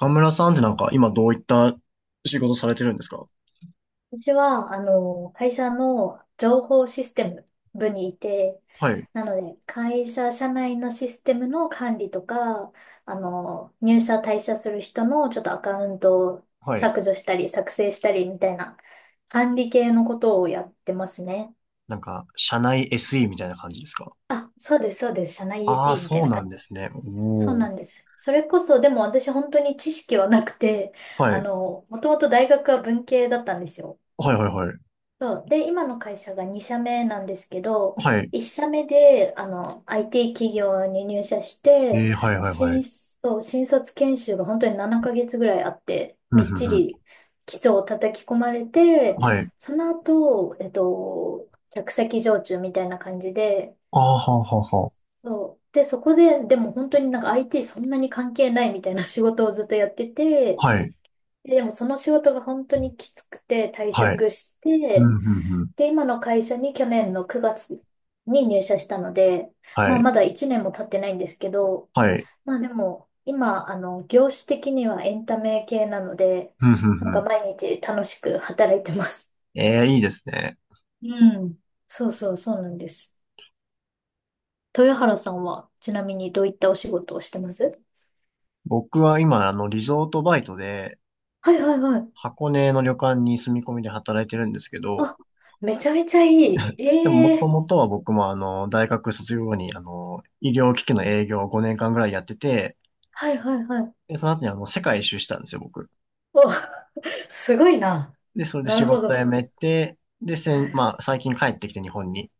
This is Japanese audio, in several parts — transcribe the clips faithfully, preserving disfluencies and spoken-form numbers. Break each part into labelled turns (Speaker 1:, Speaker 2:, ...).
Speaker 1: 岡村さんってなんか今どういった仕事されてるんですか？
Speaker 2: うちは、あの、会社の情報システム部にいて、
Speaker 1: はい、
Speaker 2: なので、会社社内のシステムの管理とか、あの、入社退社する人のちょっとアカウントを
Speaker 1: はい。
Speaker 2: 削除したり、作成したりみたいな管理系のことをやってますね。
Speaker 1: なんか、社内 エスイー みたいな感じですか？
Speaker 2: あ、そうです、そうです。社内
Speaker 1: あ
Speaker 2: s
Speaker 1: あー、
Speaker 2: e みたい
Speaker 1: そう
Speaker 2: な
Speaker 1: なん
Speaker 2: 感
Speaker 1: で
Speaker 2: じ。
Speaker 1: すね。
Speaker 2: そう
Speaker 1: おお。
Speaker 2: なんです。それこそ、でも私本当に知識はなくて、
Speaker 1: は
Speaker 2: あ
Speaker 1: い。
Speaker 2: の、もともと大学は文系だったんですよ。
Speaker 1: はいはいはい。
Speaker 2: そう。で、今の会社がに社目なんですけど、
Speaker 1: はい。
Speaker 2: いっ社目で、あの、アイティー 企業に入社して、
Speaker 1: えー、はいはいは
Speaker 2: 新、
Speaker 1: い。
Speaker 2: そう、新卒研修が本当にななかげつぐらいあって、
Speaker 1: うんう
Speaker 2: みっち
Speaker 1: んう
Speaker 2: り基礎を叩き込まれて、
Speaker 1: ん。はい。
Speaker 2: その後、えっと、客先常駐みたいな感じで、
Speaker 1: ああ、はあはあは
Speaker 2: そう。で、そこで、でも本当になんか アイティー そんなに関係ないみたいな仕事をずっとやってて、
Speaker 1: あ。はい。
Speaker 2: ででもその仕事が本当にきつくて退
Speaker 1: はい。
Speaker 2: 職し
Speaker 1: うん
Speaker 2: て、
Speaker 1: うんうん。
Speaker 2: で、今の会社に去年のくがつに入社したので、ま
Speaker 1: は
Speaker 2: あ
Speaker 1: い。
Speaker 2: まだいちねんも経ってないんですけど、
Speaker 1: はい。
Speaker 2: まあでも今、あの、業種的にはエンタメ系なので、
Speaker 1: うんうん
Speaker 2: なん
Speaker 1: う
Speaker 2: か
Speaker 1: ん。
Speaker 2: 毎日楽しく働いてます。
Speaker 1: ええ、いいですね。
Speaker 2: うん。そうそうそうなんです。豊原さんはちなみにどういったお仕事をしてます？
Speaker 1: 僕は今、あの、リゾートバイトで、
Speaker 2: はいはいはい。
Speaker 1: 箱根の旅館に住み込みで働いてるんですけど、
Speaker 2: あ、めちゃめちゃいい。
Speaker 1: でも、も
Speaker 2: え
Speaker 1: と
Speaker 2: え、
Speaker 1: もとは僕も、あの、大学卒業後に、あの、医療機器の営業をごねんかんぐらいやってて、
Speaker 2: はいはいはい。
Speaker 1: で、その後に、あの、世界一周したんですよ、僕。
Speaker 2: お、すごいな。
Speaker 1: で、それで
Speaker 2: な
Speaker 1: 仕
Speaker 2: るほ
Speaker 1: 事
Speaker 2: ど。
Speaker 1: 辞めて、で、せ
Speaker 2: は
Speaker 1: ん、
Speaker 2: い。
Speaker 1: まあ、最近帰ってきて日本に。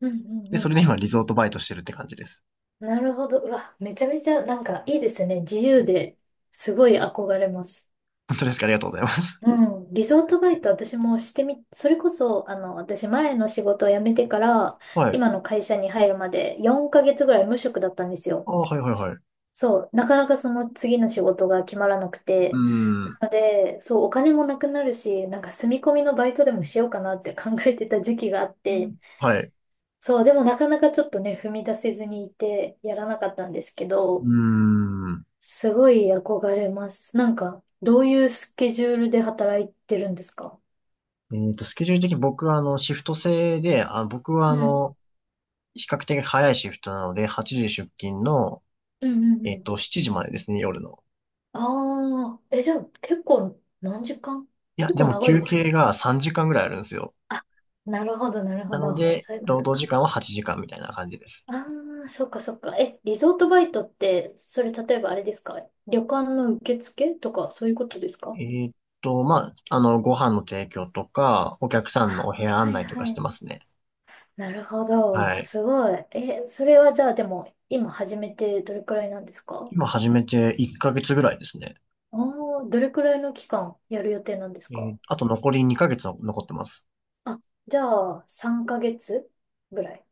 Speaker 2: うんうん
Speaker 1: で、
Speaker 2: う
Speaker 1: それ
Speaker 2: ん。
Speaker 1: で今、リゾートバイトしてるって感じです。
Speaker 2: なるほど。うわ、めちゃめちゃなんかいいですね。自由で、すごい憧れます。
Speaker 1: 本当ですか？ありがとうございます。
Speaker 2: うん。リゾートバイト私もしてみ、それこそ、あの、私前の仕事を辞めてから、
Speaker 1: はい。
Speaker 2: 今の会社に入るまでよんかげつぐらい無職だったんです
Speaker 1: あ、
Speaker 2: よ。
Speaker 1: はい、はい、はい。う
Speaker 2: そう。なかなかその次の仕事が決まらなく
Speaker 1: ー
Speaker 2: て。
Speaker 1: ん。
Speaker 2: なので、そう、お金もなくなるし、なんか住み込みのバイトでもしようかなって考えてた時期があって、
Speaker 1: はい。
Speaker 2: そう、でもなかなかちょっとね、踏み出せずにいて、やらなかったんですけ
Speaker 1: うー
Speaker 2: ど、
Speaker 1: ん。
Speaker 2: すごい憧れます。なんか、どういうスケジュールで働いてるんですか？
Speaker 1: えっと、スケジュール的に僕は、あの、シフト制で、あ、僕は、あ
Speaker 2: うん、
Speaker 1: の、比較的早いシフトなので、はちじ出勤の、
Speaker 2: うん、うん、
Speaker 1: え
Speaker 2: う
Speaker 1: っと、
Speaker 2: ん。
Speaker 1: しちじまでですね、夜の。
Speaker 2: ああ、え、じゃあ結構何時間？
Speaker 1: いや、
Speaker 2: 結
Speaker 1: で
Speaker 2: 構
Speaker 1: も
Speaker 2: 長い
Speaker 1: 休
Speaker 2: ですよ
Speaker 1: 憩
Speaker 2: ね。
Speaker 1: がさんじかんぐらいあるんですよ。
Speaker 2: あ、なるほど、なる
Speaker 1: な
Speaker 2: ほ
Speaker 1: の
Speaker 2: ど。
Speaker 1: で、
Speaker 2: そういうこ
Speaker 1: 労
Speaker 2: と
Speaker 1: 働時
Speaker 2: か。
Speaker 1: 間ははちじかんみたいな感じです。
Speaker 2: ああ、そっかそっか。え、リゾートバイトって、それ例えばあれですか？旅館の受付とかそういうことです
Speaker 1: え
Speaker 2: か？
Speaker 1: ーっと、まあ、あの、ご飯の提供とか、お客さんのお
Speaker 2: あ、
Speaker 1: 部屋
Speaker 2: は
Speaker 1: 案
Speaker 2: い
Speaker 1: 内とか
Speaker 2: は
Speaker 1: して
Speaker 2: い。
Speaker 1: ますね。
Speaker 2: なるほど。
Speaker 1: はい。
Speaker 2: すごい。え、それはじゃあでも、今始めてどれくらいなんですか？
Speaker 1: 今始めていっかげつぐらいですね。
Speaker 2: ああ、どれくらいの期間やる予定なんです
Speaker 1: え
Speaker 2: か？
Speaker 1: ーあと残りにかげつの残ってます。
Speaker 2: あ、じゃあ、さんかげつぐらいっ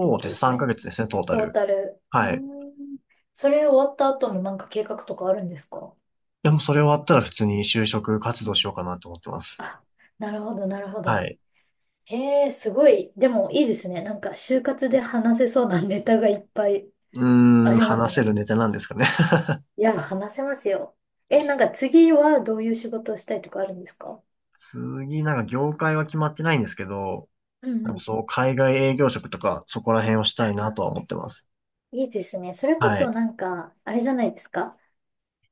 Speaker 2: てこ
Speaker 1: う
Speaker 2: と
Speaker 1: です。
Speaker 2: です
Speaker 1: 3
Speaker 2: ね。
Speaker 1: ヶ月ですね、トータ
Speaker 2: トー
Speaker 1: ル。
Speaker 2: タル。う
Speaker 1: はい。
Speaker 2: ーん。それ終わった後のなんか計画とかあるんですか？
Speaker 1: でもそれ終わったら普通に就職活
Speaker 2: う
Speaker 1: 動し
Speaker 2: ん。
Speaker 1: ようかなと思ってます。
Speaker 2: あ、なるほど、なるほ
Speaker 1: は
Speaker 2: ど。
Speaker 1: い。
Speaker 2: へえ、すごい。でもいいですね。なんか、就活で話せそうなネタがいっぱい
Speaker 1: う
Speaker 2: あ
Speaker 1: ーん、
Speaker 2: ります
Speaker 1: 話せる
Speaker 2: ね。
Speaker 1: ネタなんですかね。
Speaker 2: いや、話せますよ。え、なんか次はどういう仕事をしたいとかあるんですか？
Speaker 1: 次、なんか業界は決まってないんですけど、
Speaker 2: う
Speaker 1: な
Speaker 2: ん
Speaker 1: ん
Speaker 2: う
Speaker 1: か
Speaker 2: ん。
Speaker 1: そう、海外営業職とか、そこら辺をしたいなとは思ってます。
Speaker 2: いいですね。それこ
Speaker 1: は
Speaker 2: そ
Speaker 1: い。
Speaker 2: なんか、あれじゃないですか。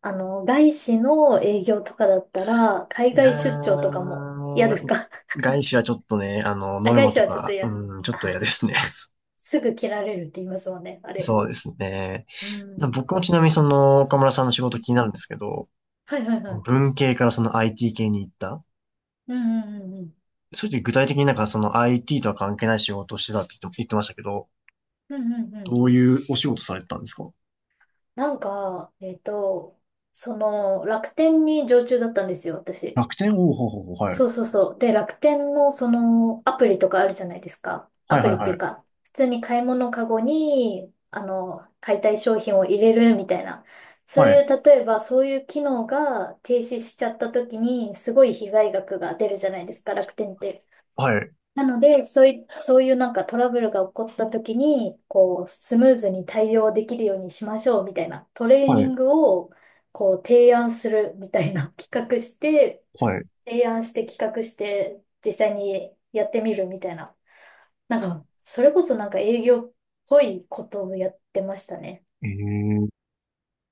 Speaker 2: あの、外資の営業とかだったら、海
Speaker 1: いや
Speaker 2: 外出張とかも嫌です
Speaker 1: ー、
Speaker 2: か？
Speaker 1: 外資はちょっとね、あの、ノ
Speaker 2: あ、
Speaker 1: ル
Speaker 2: 外
Speaker 1: マ
Speaker 2: 資
Speaker 1: と
Speaker 2: はちょっと
Speaker 1: か、
Speaker 2: 嫌。
Speaker 1: うん、ちょっと
Speaker 2: あ、
Speaker 1: 嫌で
Speaker 2: そっか。
Speaker 1: すね。
Speaker 2: すぐ切られるって言いますもんね、あれ。
Speaker 1: そうですね。
Speaker 2: うん。
Speaker 1: 僕もちなみにその、岡村さんの仕事気になるんですけど、
Speaker 2: はいはいはい。
Speaker 1: 文系からその アイティー 系に行った。
Speaker 2: うんうんうんうん。
Speaker 1: そういう時具体的になんかその アイティー とは関係ない仕事をしてたって言って言ってましたけど、
Speaker 2: うんうんうん。
Speaker 1: どういうお仕事されてたんですか？
Speaker 2: なんか、えっと、その、楽天に常駐だったんですよ、私。
Speaker 1: 楽天おーほうほうほう、はい。
Speaker 2: そうそうそう。で、楽天のそのアプリとかあるじゃないですか。ア
Speaker 1: はいは
Speaker 2: プ
Speaker 1: い
Speaker 2: リってい
Speaker 1: は
Speaker 2: う
Speaker 1: い。
Speaker 2: か、普通に買い物カゴに、あの、買いたい商品を入れるみたいな。そ
Speaker 1: は
Speaker 2: うい
Speaker 1: い。
Speaker 2: う、例えばそういう機能が停止しちゃった時に、すごい被害額が出るじゃないですか、楽天って。
Speaker 1: はい。
Speaker 2: なので、そうい、そういうなんかトラブルが起こった時に、こう、スムーズに対応できるようにしましょうみたいなトレー
Speaker 1: は
Speaker 2: ニ
Speaker 1: い。
Speaker 2: ングを、こう、提案するみたいな企画して、
Speaker 1: はい。
Speaker 2: 提案して企画して実際にやってみるみたいな。なんか、それこそなんか営業っぽいことをやってましたね。
Speaker 1: え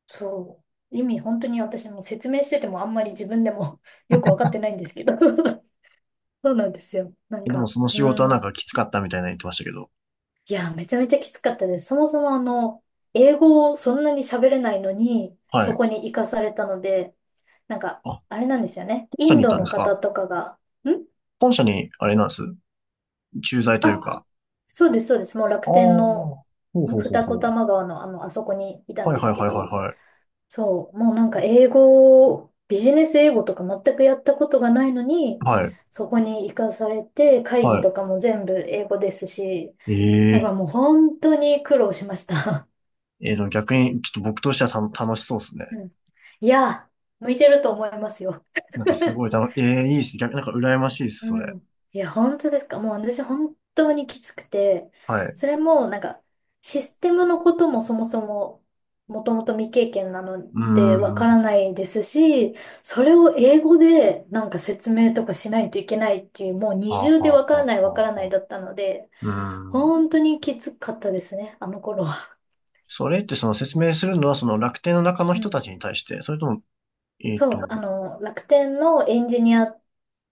Speaker 2: そう。意味本当に私も説明しててもあんまり自分でも よくわかってないんですけど そうなんですよ。なん
Speaker 1: でも
Speaker 2: か、
Speaker 1: その仕事は
Speaker 2: う
Speaker 1: なんか
Speaker 2: ん。
Speaker 1: きつかったみたいな言ってましたけど。
Speaker 2: いや、めちゃめちゃきつかったです。そもそもあの、英語をそんなに喋れないのに、
Speaker 1: は
Speaker 2: そ
Speaker 1: い。
Speaker 2: こに行かされたので、なんか、
Speaker 1: あ、本
Speaker 2: あれなんですよね。イ
Speaker 1: 社
Speaker 2: ン
Speaker 1: に行っ
Speaker 2: ド
Speaker 1: たんで
Speaker 2: の
Speaker 1: す
Speaker 2: 方
Speaker 1: か？
Speaker 2: とかが、ん。
Speaker 1: 本社に、あれなんです。駐在という
Speaker 2: あ、
Speaker 1: か。
Speaker 2: そうです、そうです。もう楽
Speaker 1: ああ、
Speaker 2: 天
Speaker 1: ほ
Speaker 2: の
Speaker 1: うほうほう
Speaker 2: 二子
Speaker 1: ほう。
Speaker 2: 玉川のあの、あそこにいたん
Speaker 1: はい
Speaker 2: で
Speaker 1: は
Speaker 2: す
Speaker 1: い
Speaker 2: け
Speaker 1: はい
Speaker 2: ど、
Speaker 1: は
Speaker 2: そう、もうなんか英語、ビジネス英語とか全くやったことがないのに、
Speaker 1: いはい。はい、
Speaker 2: そこに行かされて、会議
Speaker 1: は
Speaker 2: とかも全部英語ですし、
Speaker 1: い。
Speaker 2: なん
Speaker 1: ええ
Speaker 2: かもう本当に苦労しました。
Speaker 1: えー、でも逆に、ちょっと僕としてはた楽しそうですね。
Speaker 2: うん。いや、向いてると思いますよ。
Speaker 1: なんかすごい楽、ええいいっすね。逆、なんか羨ましいです、それ。
Speaker 2: うん。いや、本当ですか。もう私本当にきつくて、
Speaker 1: はい。う
Speaker 2: それもなんかシステムのこともそもそももともと未経験なの
Speaker 1: ー
Speaker 2: でわか
Speaker 1: ん。は
Speaker 2: らないですし、それを英語でなんか説明とかしないといけないっていう、もう
Speaker 1: あ、
Speaker 2: 二
Speaker 1: は
Speaker 2: 重でわ
Speaker 1: あ、
Speaker 2: から
Speaker 1: は
Speaker 2: ない
Speaker 1: あ、
Speaker 2: わか
Speaker 1: は
Speaker 2: ら
Speaker 1: あ。
Speaker 2: ない
Speaker 1: はあ
Speaker 2: だったので、
Speaker 1: うーん。
Speaker 2: 本当にきつかったですね、あの頃は。
Speaker 1: それってその説明するのはその楽天の中の
Speaker 2: う
Speaker 1: 人た
Speaker 2: ん。
Speaker 1: ちに対して、それとも、えっと、
Speaker 2: そう、
Speaker 1: はい
Speaker 2: あの、楽天のエンジニア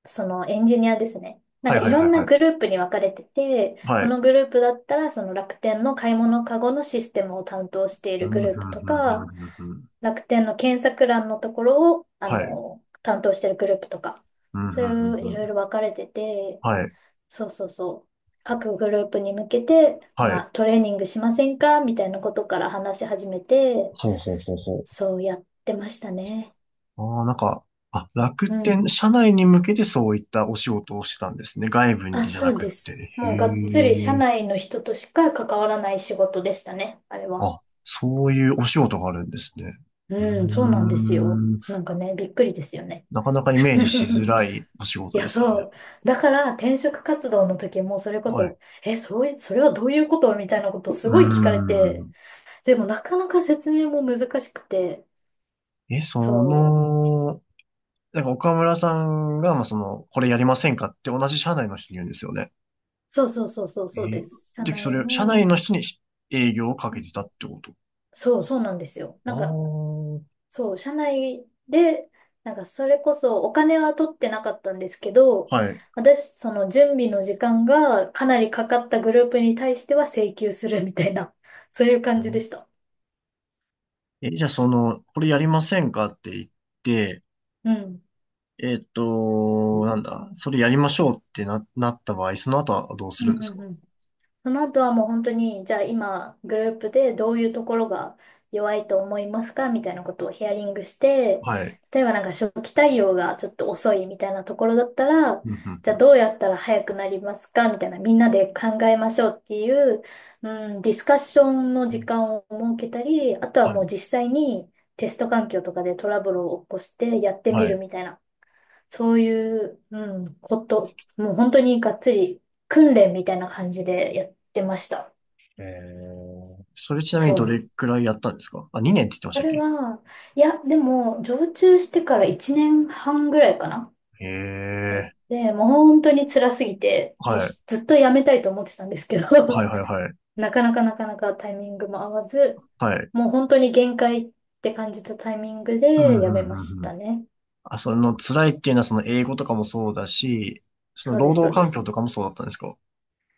Speaker 2: そのエンジニアですね。なん
Speaker 1: はい
Speaker 2: か
Speaker 1: は
Speaker 2: い
Speaker 1: い
Speaker 2: ろんな
Speaker 1: は
Speaker 2: グ
Speaker 1: い。
Speaker 2: ループに分かれてて、
Speaker 1: は
Speaker 2: こ
Speaker 1: い。
Speaker 2: のグループだったらその楽天の買い物カゴのシステムを担当してい
Speaker 1: う
Speaker 2: るグ
Speaker 1: ん、ふん
Speaker 2: ルー
Speaker 1: ふ
Speaker 2: プ
Speaker 1: ん
Speaker 2: と
Speaker 1: ふんふ
Speaker 2: か、
Speaker 1: んふん。
Speaker 2: 楽天の検索欄のところを、あ
Speaker 1: はい。
Speaker 2: の、担当しているグループとか、
Speaker 1: うん、
Speaker 2: そう
Speaker 1: ふんふん
Speaker 2: い
Speaker 1: ふ
Speaker 2: ういろい
Speaker 1: ん。
Speaker 2: ろ分かれてて、
Speaker 1: はい。
Speaker 2: そうそうそう。各グループに向けて、
Speaker 1: はい。
Speaker 2: まあ、トレーニングしませんかみたいなことから話し始めて、
Speaker 1: ほうほうほうほう。
Speaker 2: そうやってましたね。
Speaker 1: ああ、なんか、あ、楽
Speaker 2: う
Speaker 1: 天、
Speaker 2: ん。
Speaker 1: 社内に向けてそういったお仕事をしてたんですね。外部
Speaker 2: あ、
Speaker 1: にじゃ
Speaker 2: そ
Speaker 1: な
Speaker 2: う
Speaker 1: くっ
Speaker 2: で
Speaker 1: て。
Speaker 2: す。
Speaker 1: へ
Speaker 2: もうがっつり社
Speaker 1: え。
Speaker 2: 内の人としか関わらない仕事でしたね、あれは。
Speaker 1: あ、そういうお仕事があるんですね。う
Speaker 2: うん、そうなん
Speaker 1: ー
Speaker 2: ですよ。
Speaker 1: ん。
Speaker 2: なんかね、びっくりですよね。
Speaker 1: なかなかイメージしづ らいお仕
Speaker 2: い
Speaker 1: 事で
Speaker 2: や、
Speaker 1: すね。
Speaker 2: そう。だから転職活動の時もそれこ
Speaker 1: はい。
Speaker 2: そ、え、そういう、それはどういうことみたいなことを
Speaker 1: う
Speaker 2: す
Speaker 1: ー
Speaker 2: ごい聞かれて、
Speaker 1: ん。
Speaker 2: でもなかなか説明も難しくて、
Speaker 1: え、そ
Speaker 2: そう。
Speaker 1: の、なんか岡村さんが、まあ、その、これやりませんかって同じ社内の人に言うんですよね。
Speaker 2: そうそうそうそう
Speaker 1: え
Speaker 2: そう
Speaker 1: ー、
Speaker 2: です。社
Speaker 1: じゃあそ
Speaker 2: 内
Speaker 1: れ、社内
Speaker 2: の、
Speaker 1: の人に営業をかけてたってこと？
Speaker 2: そうそうなんですよ。なんか
Speaker 1: あ
Speaker 2: そう、社内で、なんかそれこそお金は取ってなかったんですけど、
Speaker 1: あ、はい。
Speaker 2: 私、その準備の時間がかなりかかったグループに対しては請求するみたいな、そういう感じでした。
Speaker 1: え、じゃあその、これやりませんかって言って、
Speaker 2: うん。
Speaker 1: えっ
Speaker 2: う
Speaker 1: と、
Speaker 2: ん
Speaker 1: なんだ、それやりましょうってな、なった場合、その後はどうす
Speaker 2: う
Speaker 1: るんで
Speaker 2: ん
Speaker 1: すか？
Speaker 2: うん。その後はもう本当に、じゃあ今、グループでどういうところが弱いと思いますかみたいなことをヒアリングして、
Speaker 1: はい。
Speaker 2: 例えばなんか初期対応がちょっと遅いみたいなところだったら、
Speaker 1: うんうん
Speaker 2: じ
Speaker 1: う
Speaker 2: ゃあ
Speaker 1: ん。
Speaker 2: どうやったら早くなりますかみたいな、みんなで考えましょうっていう、うん、ディスカッションの時間を設けたり、あと
Speaker 1: は
Speaker 2: はもう
Speaker 1: い。
Speaker 2: 実際にテスト環境とかでトラブルを起こしてやってみ
Speaker 1: は
Speaker 2: る
Speaker 1: い。
Speaker 2: みたいな。そういう、うん、こと、もう本当にがっつり訓練みたいな感じでやってました。
Speaker 1: えー、それちなみに
Speaker 2: そ
Speaker 1: ど
Speaker 2: う。
Speaker 1: れくらいやったんですか？あ、にねんって言ってまし
Speaker 2: そ
Speaker 1: たっ
Speaker 2: れ
Speaker 1: け？
Speaker 2: は、いや、でも、常駐してからいちねんはんぐらいかな。
Speaker 1: へ
Speaker 2: やっ
Speaker 1: え。
Speaker 2: て、もう本当に辛すぎて、もう
Speaker 1: はい。
Speaker 2: ずっとやめたいと思ってたんですけど、
Speaker 1: はいはいはい。
Speaker 2: なかなかなかなかタイミングも合わず、
Speaker 1: はい。
Speaker 2: もう本当に限界って感じたタイミング
Speaker 1: うん
Speaker 2: でやめま
Speaker 1: う
Speaker 2: し
Speaker 1: んう
Speaker 2: た
Speaker 1: ん。
Speaker 2: ね。
Speaker 1: あ、その辛いっていうのはその英語とかもそうだし、その
Speaker 2: そうで
Speaker 1: 労
Speaker 2: す、そ
Speaker 1: 働
Speaker 2: うで
Speaker 1: 環境と
Speaker 2: す。
Speaker 1: かもそうだったんですか？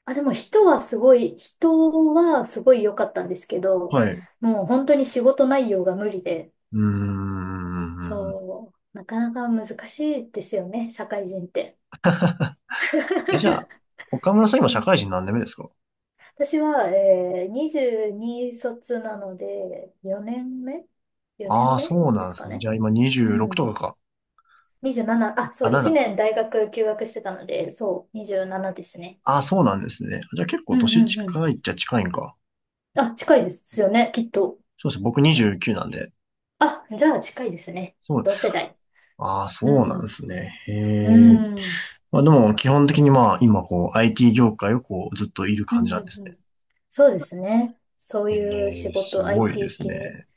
Speaker 2: あ、でも人はすごい、人はすごい良かったんですけど、
Speaker 1: はい。う
Speaker 2: もう本当に仕事内容が無理で、
Speaker 1: ーん。
Speaker 2: そう、なかなか難しいですよね、社会人って。
Speaker 1: え、じゃあ、岡村さん今
Speaker 2: う
Speaker 1: 社
Speaker 2: ん。
Speaker 1: 会人何年目ですか？
Speaker 2: 私は、えー、にじゅうに卒なので、4年目 ?よ 年
Speaker 1: ああー、
Speaker 2: 目
Speaker 1: そう
Speaker 2: で
Speaker 1: なん
Speaker 2: す
Speaker 1: で
Speaker 2: か
Speaker 1: すね。じ
Speaker 2: ね。
Speaker 1: ゃあ今
Speaker 2: うん。
Speaker 1: にじゅうろくとかか。
Speaker 2: にじゅうなな、あ、
Speaker 1: あ、
Speaker 2: そう、いちねん
Speaker 1: しち。
Speaker 2: 大学休学してたので、そう、にじゅうななですね。
Speaker 1: ああ、そうなんですね。じゃあ結構
Speaker 2: うん
Speaker 1: 年
Speaker 2: うんうん。
Speaker 1: 近いっちゃ近いんか。
Speaker 2: あ、近いですよね、きっと。
Speaker 1: そうですね。僕にじゅうきゅうなんで。
Speaker 2: あ、じゃあ近いですね。
Speaker 1: そう。
Speaker 2: 同世代。
Speaker 1: ああ、そ
Speaker 2: う
Speaker 1: うなんで
Speaker 2: ん
Speaker 1: すね。へ
Speaker 2: う
Speaker 1: え。
Speaker 2: ん。うん
Speaker 1: まあでも基本的にまあ今こう アイティー 業界をこうずっといる
Speaker 2: う
Speaker 1: 感じ
Speaker 2: ん
Speaker 1: な
Speaker 2: う
Speaker 1: んですね。
Speaker 2: ん。そうですね。そう
Speaker 1: え
Speaker 2: いう仕
Speaker 1: え、す
Speaker 2: 事、
Speaker 1: ごいで
Speaker 2: アイティー
Speaker 1: す
Speaker 2: 系。
Speaker 1: ね。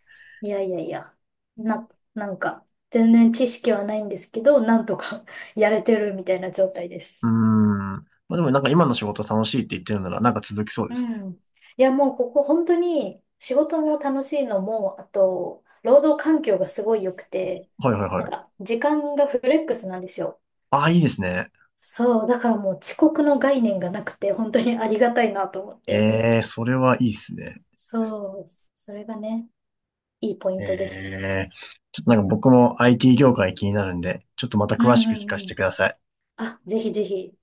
Speaker 2: いやいやいや。な、なんか、全然知識はないんですけど、なんとか やれてるみたいな状態で
Speaker 1: うー
Speaker 2: す。
Speaker 1: ん。まあでもなんか今の仕事楽しいって言ってるならなんか続きそうで
Speaker 2: う
Speaker 1: すね。
Speaker 2: ん。いや、もうここ本当に仕事も楽しいのも、あと、労働環境がすごい良くて、
Speaker 1: はいはい
Speaker 2: な
Speaker 1: は
Speaker 2: ん
Speaker 1: い。
Speaker 2: か、時間がフレックスなんですよ。
Speaker 1: ああ、いいですね。
Speaker 2: そう、だからもう遅刻の概念がなくて、本当にありがたいなと思って。
Speaker 1: ええ、それはいいですね。
Speaker 2: そう、それがね。いいポイ
Speaker 1: え
Speaker 2: ントです。
Speaker 1: え、ちょっとなんか僕も アイティー 業界気になるんで、ちょっとまた
Speaker 2: う
Speaker 1: 詳しく
Speaker 2: んう
Speaker 1: 聞
Speaker 2: ん
Speaker 1: か
Speaker 2: うん。
Speaker 1: せてください。
Speaker 2: あ、ぜひぜひ、